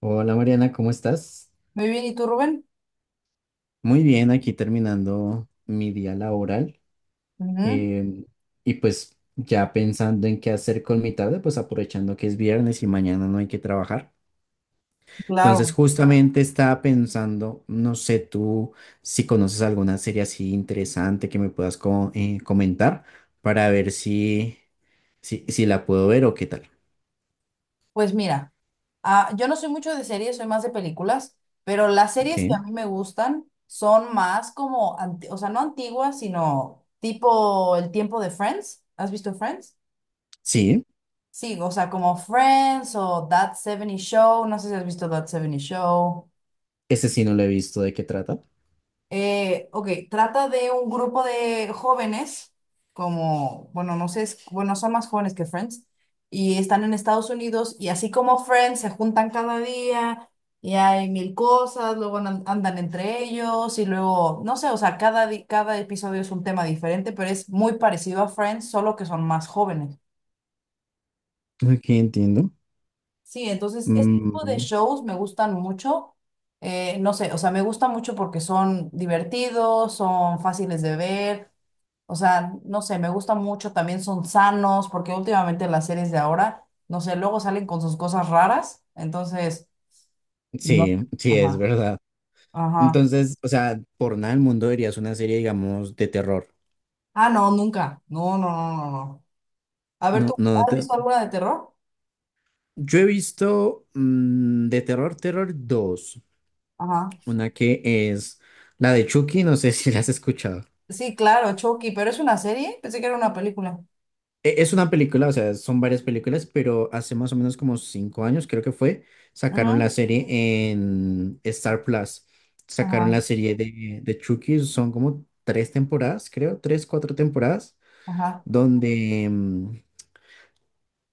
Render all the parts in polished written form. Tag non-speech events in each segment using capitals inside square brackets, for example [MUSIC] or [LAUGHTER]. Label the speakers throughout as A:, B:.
A: Hola Mariana, ¿cómo estás?
B: Muy bien, ¿y tú, Rubén?
A: Muy bien, aquí terminando mi día laboral
B: Ujú,
A: em, y pues ya pensando en qué hacer con mi tarde, pues aprovechando que es viernes y mañana no hay que trabajar. Entonces
B: claro.
A: justamente estaba pensando, no sé tú si conoces alguna serie así interesante que me puedas comentar para ver si la puedo ver o qué tal.
B: Pues mira, yo no soy mucho de series, soy más de películas, pero las
A: Ok,
B: series que a mí me gustan son más como, o sea, no antiguas, sino tipo el tiempo de Friends. ¿Has visto Friends?
A: sí,
B: Sí, o sea, como Friends o That 70 Show, no sé si has visto That 70 Show.
A: ese sí no lo he visto, ¿de qué trata?
B: Ok, trata de un grupo de jóvenes, como, bueno, no sé, bueno, son más jóvenes que Friends, y están en Estados Unidos, y así como Friends se juntan cada día, y hay mil cosas, luego andan entre ellos, y luego, no sé, o sea, cada episodio es un tema diferente, pero es muy parecido a Friends, solo que son más jóvenes.
A: Ok, entiendo.
B: Sí, entonces, este tipo de
A: Mm,
B: shows me gustan mucho. No sé, o sea, me gusta mucho porque son divertidos, son fáciles de ver. O sea, no sé, me gusta mucho, también son sanos, porque últimamente las series de ahora, no sé, luego salen con sus cosas raras, entonces, no.
A: sí, sí, es
B: Ajá,
A: verdad.
B: ajá.
A: Entonces, o sea, por nada del mundo verías una serie, digamos, de terror.
B: Ah, no, nunca. No, no, no, no, no. A ver,
A: No,
B: ¿tú
A: no, no
B: has
A: te-
B: visto alguna de terror?
A: Yo he visto de terror, terror dos.
B: Ajá.
A: Una que es la de Chucky, no sé [LAUGHS] si la has escuchado.
B: Sí, claro, Chucky, pero es una serie, pensé que era una película.
A: Es una película, o sea, son varias películas, pero hace más o menos como 5 años, creo que fue, sacaron la
B: Ujú,
A: serie en Star Plus. Sacaron
B: ajá,
A: la serie de Chucky, son como tres temporadas, creo, tres, cuatro temporadas,
B: ajá,
A: donde,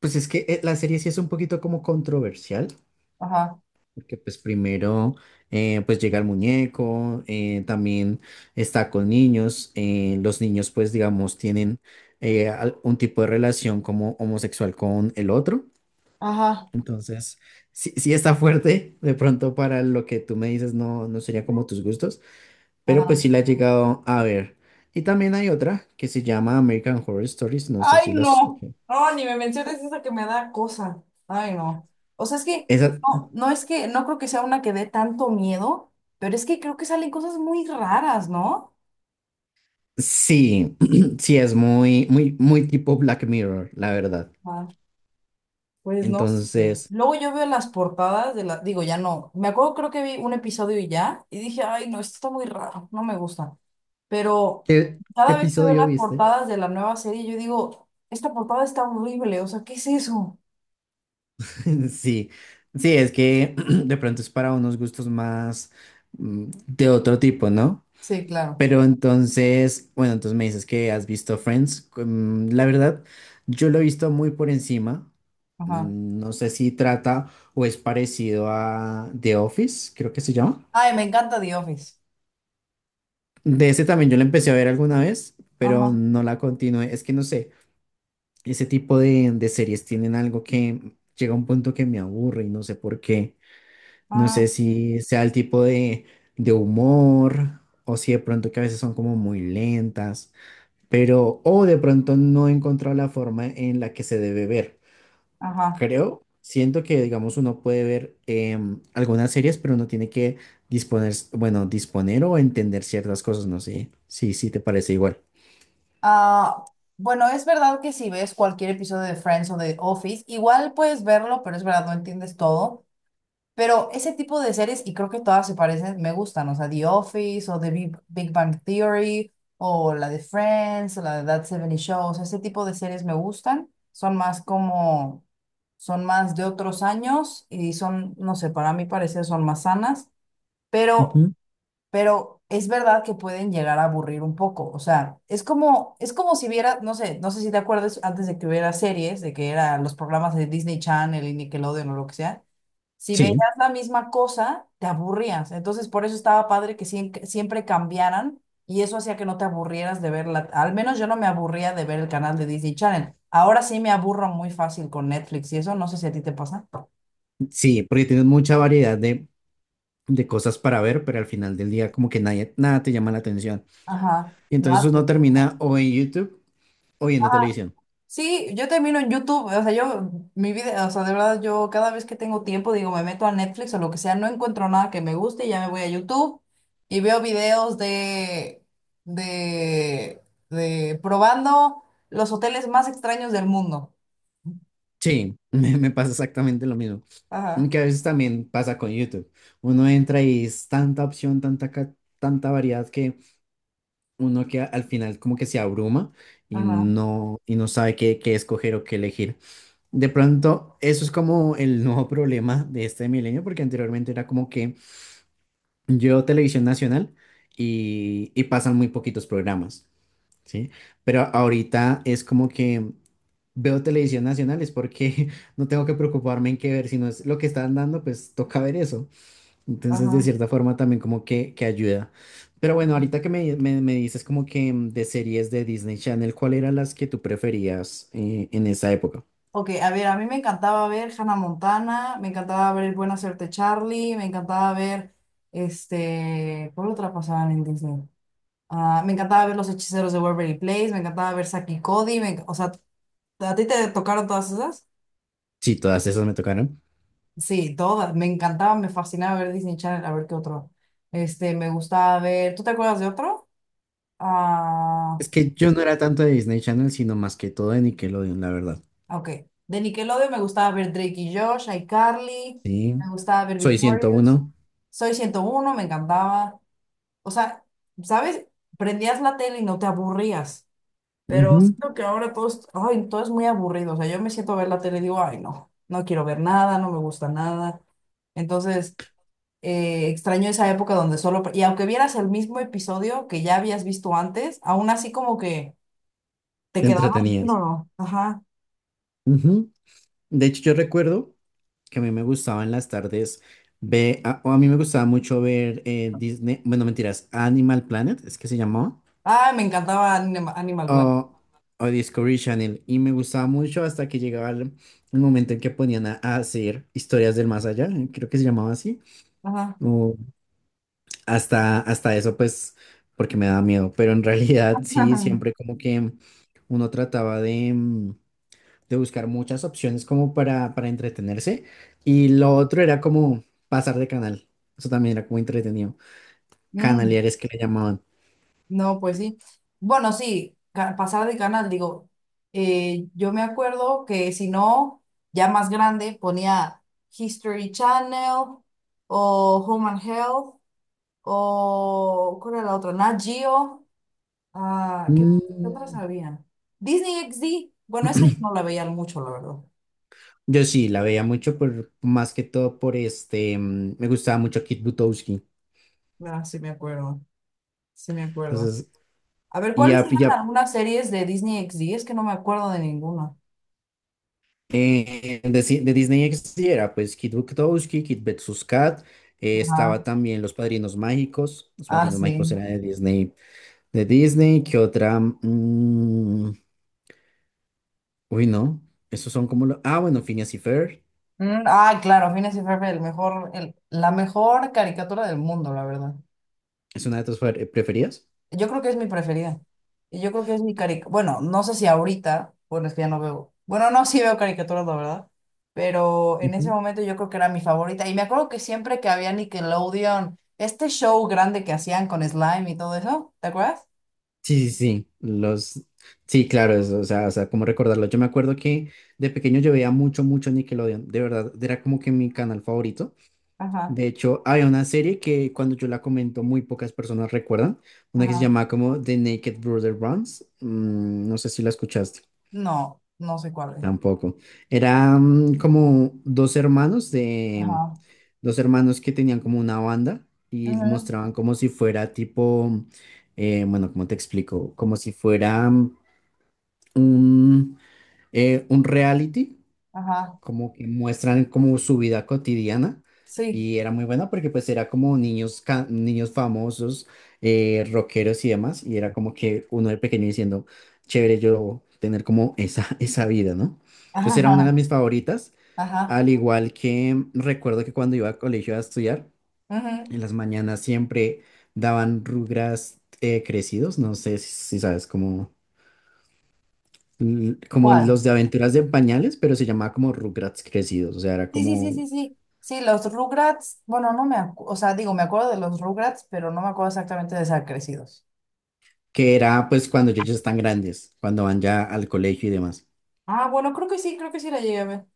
A: pues es que la serie sí es un poquito como controversial,
B: ajá,
A: que pues primero pues llega el muñeco, también está con niños, los niños pues digamos tienen un tipo de relación como homosexual con el otro,
B: ajá,
A: entonces sí, sí está fuerte, de pronto para lo que tú me dices no, no sería como tus gustos, pero pues
B: ajá.
A: sí la he llegado a ver. Y también hay otra que se llama American Horror Stories, no sé
B: Ay,
A: si las
B: no.
A: escuché.
B: No, ni me menciones eso que me da cosa. Ay, no. O sea, es que
A: Esa
B: no, es que no creo que sea una que dé tanto miedo, pero es que creo que salen cosas muy raras, ¿no?
A: sí, [CLEARS THROAT] sí es muy, muy, muy tipo Black Mirror, la verdad.
B: Ah, pues no sé.
A: Entonces,
B: Luego yo veo las portadas de las, digo, ya no. Me acuerdo, creo que vi un episodio y ya, y dije, ay, no, esto está muy raro, no me gusta.
A: [LAUGHS]
B: Pero
A: ¿Qué
B: cada vez que veo
A: episodio
B: las
A: viste?
B: portadas de la nueva serie, yo digo, esta portada está horrible, o sea, ¿qué es eso?
A: [LAUGHS] sí, sí, es que [CLEARS THROAT] de pronto es para unos gustos más de otro tipo, ¿no?
B: Sí, claro.
A: Pero entonces, bueno, entonces me dices que has visto Friends. La verdad, yo lo he visto muy por encima.
B: Ajá.
A: No sé si trata o es parecido a The Office, creo que se llama.
B: Ay, me encanta The Office.
A: De ese también yo la empecé a ver alguna vez, pero
B: Ajá.
A: no la continué. Es que no sé. Ese tipo de series tienen algo que llega a un punto que me aburre y no sé por qué. No sé
B: Ah,
A: si sea el tipo de humor o si de pronto que a veces son como muy lentas, pero o de pronto no he encontrado la forma en la que se debe ver.
B: ajá.
A: Creo, siento que digamos uno puede ver algunas series, pero uno tiene que disponer, bueno, disponer o entender ciertas cosas, no sé. Sí, sí, te parece igual.
B: Ah, bueno, es verdad que si ves cualquier episodio de Friends o de Office, igual puedes verlo, pero es verdad, no entiendes todo. Pero ese tipo de series, y creo que todas se parecen, me gustan. O sea, The Office o The Big, Big Bang Theory o la de Friends o la de That seventy Show. O sea, ese tipo de series me gustan. Son más como, son más de otros años y son, no sé, para mí parecer son más sanas. Pero
A: Ujú.
B: pero es verdad que pueden llegar a aburrir un poco. O sea, es como si viera, no sé, no sé si te acuerdas antes de que hubiera series, de que eran los programas de Disney Channel y Nickelodeon o lo que sea. Si veías
A: Sí,
B: la misma cosa, te aburrías. Entonces, por eso estaba padre que siempre cambiaran y eso hacía que no te aburrieras de verla. Al menos yo no me aburría de ver el canal de Disney Channel. Ahora sí me aburro muy fácil con Netflix y eso, no sé si a ti te pasa.
A: sí, porque tienes mucha variedad de cosas para ver, pero al final del día como que nadie, nada te llama la atención.
B: Ajá,
A: Y entonces
B: nada
A: uno
B: te
A: termina
B: gusta.
A: o en YouTube o viendo televisión.
B: Sí, yo termino en YouTube, o sea, yo, mi vida, o sea, de verdad, yo cada vez que tengo tiempo, digo, me meto a Netflix o lo que sea, no encuentro nada que me guste y ya me voy a YouTube y veo videos de, de, de probando los hoteles más extraños del mundo.
A: Sí, [LAUGHS] me pasa exactamente lo mismo.
B: Ajá,
A: Aunque a veces también pasa con YouTube. Uno entra y es tanta opción, tanta variedad que uno que al final como que se abruma y
B: ajá,
A: no sabe qué escoger o qué elegir. De pronto, eso es como el nuevo [LAUGHS] problema de este milenio, porque anteriormente era como que yo Televisión Nacional y pasan muy poquitos programas, ¿sí? Pero ahorita es como que veo Televisión Nacional es porque [LAUGHS] no tengo que preocuparme en qué ver, si no es lo que están dando, pues toca ver eso. Entonces, de
B: ajá.
A: cierta forma también como que ayuda. Pero bueno, ahorita que me dices como que de series de Disney Channel, ¿cuál eran las que tú preferías en esa época?
B: Ok, a ver, a mí me encantaba ver Hannah Montana, me encantaba ver Buena Suerte Charlie, me encantaba ver, este, ¿cuál otra pasaban en Disney? Ah, me encantaba ver Los Hechiceros de Waverly Place, me encantaba ver Saki y Cody, o sea, ¿a ti te tocaron todas esas?
A: Sí, todas esas me tocaron.
B: Sí, todas, me encantaba, me fascinaba ver Disney Channel, a ver qué otro. Este, me gustaba ver, ¿tú te acuerdas de otro? Ah,
A: Es que yo no era tanto de Disney Channel, sino más que todo de Nickelodeon, la verdad.
B: ok. De Nickelodeon me gustaba ver Drake y Josh, iCarly,
A: Sí,
B: me gustaba ver
A: soy
B: Victorious,
A: 101.
B: Soy ciento uno me encantaba. O sea, ¿sabes? Prendías la tele y no te aburrías. Pero
A: Ujú,
B: siento que ahora todo es, ay, todo es muy aburrido. O sea, yo me siento a ver la tele y digo, ay, no, no quiero ver nada, no me gusta nada. Entonces, extraño esa época donde solo, y aunque vieras el mismo episodio que ya habías visto antes, aún así como que te quedabas bien
A: Entretenidas.
B: o no. Ajá.
A: Ujú. De hecho, yo recuerdo que a mí me gustaba en las tardes ver, o a mí me gustaba mucho ver Disney, bueno, mentiras, Animal Planet, es que se llamaba,
B: Ay, me encantaba Animal Planet.
A: o, o Discovery Channel, y me gustaba mucho hasta que llegaba el momento en que ponían a hacer historias del más allá, creo que se llamaba así,
B: Ajá.
A: o hasta eso, pues, porque me daba miedo, pero en realidad sí, siempre
B: [LAUGHS]
A: como que uno trataba de buscar muchas opciones como para entretenerse. Y lo otro era como pasar de canal. Eso también era como entretenido.
B: Ajá.
A: Canaleares que le llamaban.
B: No, pues sí. Bueno, sí, pasar de canal, digo, yo me acuerdo que si no, ya más grande, ponía History Channel o Home and Health o, ¿cuál era la otra? Nat Geo. Ah, ¿qué, qué otras
A: Mm,
B: habían? Disney XD. Bueno, esa yo no la veía mucho, la verdad.
A: yo sí, la veía mucho más que todo por este, me gustaba mucho Kit Butowski.
B: Ah, sí me acuerdo, sí me acuerdo.
A: Entonces,
B: A ver,
A: y
B: ¿cuáles
A: ya,
B: eran
A: ya
B: algunas series de Disney XD? Es que no me acuerdo de ninguna.
A: de Disney XD era pues Kit Butowski, Kit vs. Kat. Estaba
B: Ajá.
A: también Los Padrinos Mágicos. Los
B: Ah,
A: Padrinos Mágicos
B: sí.
A: era de Disney. De Disney, ¿qué otra? Mm, uy, no. Esos son como los. Ah, bueno, Phineas y Ferb.
B: Ah, claro, Phineas y Ferb, el mejor, el, la mejor caricatura del mundo, la verdad.
A: ¿Es una de tus preferidas?
B: Yo creo que es mi preferida. Y yo creo que es mi caricatura. Bueno, no sé si ahorita, bueno, es que ya no veo. Bueno, no, sí veo caricaturas, la verdad. Pero en ese
A: Ujú.
B: momento yo creo que era mi favorita. Y me acuerdo que siempre que había Nickelodeon, este show grande que hacían con Slime y todo eso, ¿te acuerdas?
A: Sí, sí, sí. Los. Sí, claro, o sea, cómo recordarlo. Yo me acuerdo que de pequeño yo veía mucho, mucho Nickelodeon. De verdad, era como que mi canal favorito.
B: Ajá,
A: De hecho, había una serie que cuando yo la comento, muy pocas personas recuerdan. Una que se
B: ajá.
A: llamaba como The Naked Brother Runs. No sé si la escuchaste.
B: No, no sé cuál es.
A: Tampoco. Eran como
B: Ajá.
A: dos hermanos que tenían como una banda y
B: Ujú,
A: mostraban como si fuera tipo, bueno, ¿cómo te explico? Como si fuera un, un reality,
B: ajá.
A: como que muestran como su vida cotidiana
B: Sí.
A: y era muy buena porque pues era como niños, niños famosos, rockeros y demás y era como que uno de pequeño diciendo, chévere yo tener como esa, [LAUGHS] esa vida, ¿no? Entonces era una de
B: Ajá.
A: mis favoritas,
B: Ajá.
A: al igual que recuerdo que cuando iba al colegio a estudiar,
B: Ujú.
A: en las mañanas siempre daban Rugrats crecidos, no sé si sabes cómo como
B: ¿Cuál?
A: los de aventuras de pañales, pero se llamaba como Rugrats crecidos, o sea, era
B: Sí, sí, sí,
A: como
B: sí, sí. Sí, los Rugrats, bueno, no me acuerdo, o sea, digo, me acuerdo de los Rugrats, pero no me acuerdo exactamente de Crecidos.
A: que era pues cuando ellos ya están grandes, cuando van ya al colegio y demás.
B: Ah, bueno, creo que sí la llegué a ver.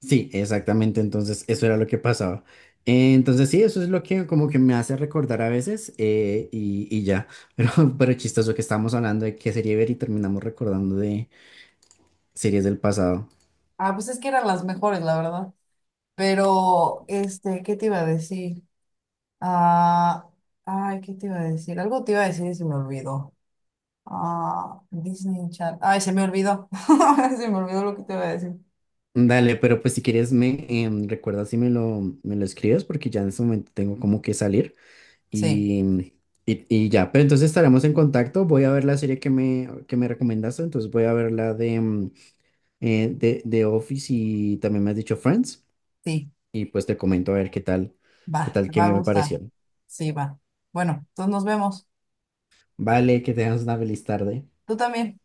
A: Sí, exactamente, entonces eso era lo que pasaba. Entonces sí, eso es lo que como que me hace recordar a veces y ya, [LAUGHS] pero, pero chistoso que estábamos hablando de qué serie ver y terminamos recordando de series del pasado.
B: Ah, pues es que eran las mejores, la verdad. Pero, este, ¿qué te iba a decir? Ah, ay, ¿qué te iba a decir? Algo te iba a decir y se me olvidó. Ah, Disney Channel. Ay, se me olvidó. [LAUGHS] Se me olvidó lo que te iba a decir.
A: Dale, pero pues si quieres me recuerda si me lo escribes porque ya en este momento tengo como que salir
B: Sí,
A: y, y ya, pero entonces estaremos en contacto. Voy a ver la serie que me recomendaste, entonces voy a ver la de Office y también me has dicho Friends.
B: sí,
A: Y pues te comento a ver qué tal,
B: va, te
A: qué
B: va a
A: me
B: gustar.
A: pareció.
B: Sí, va. Bueno, entonces nos vemos.
A: Vale, que tengas una feliz tarde.
B: Tú también.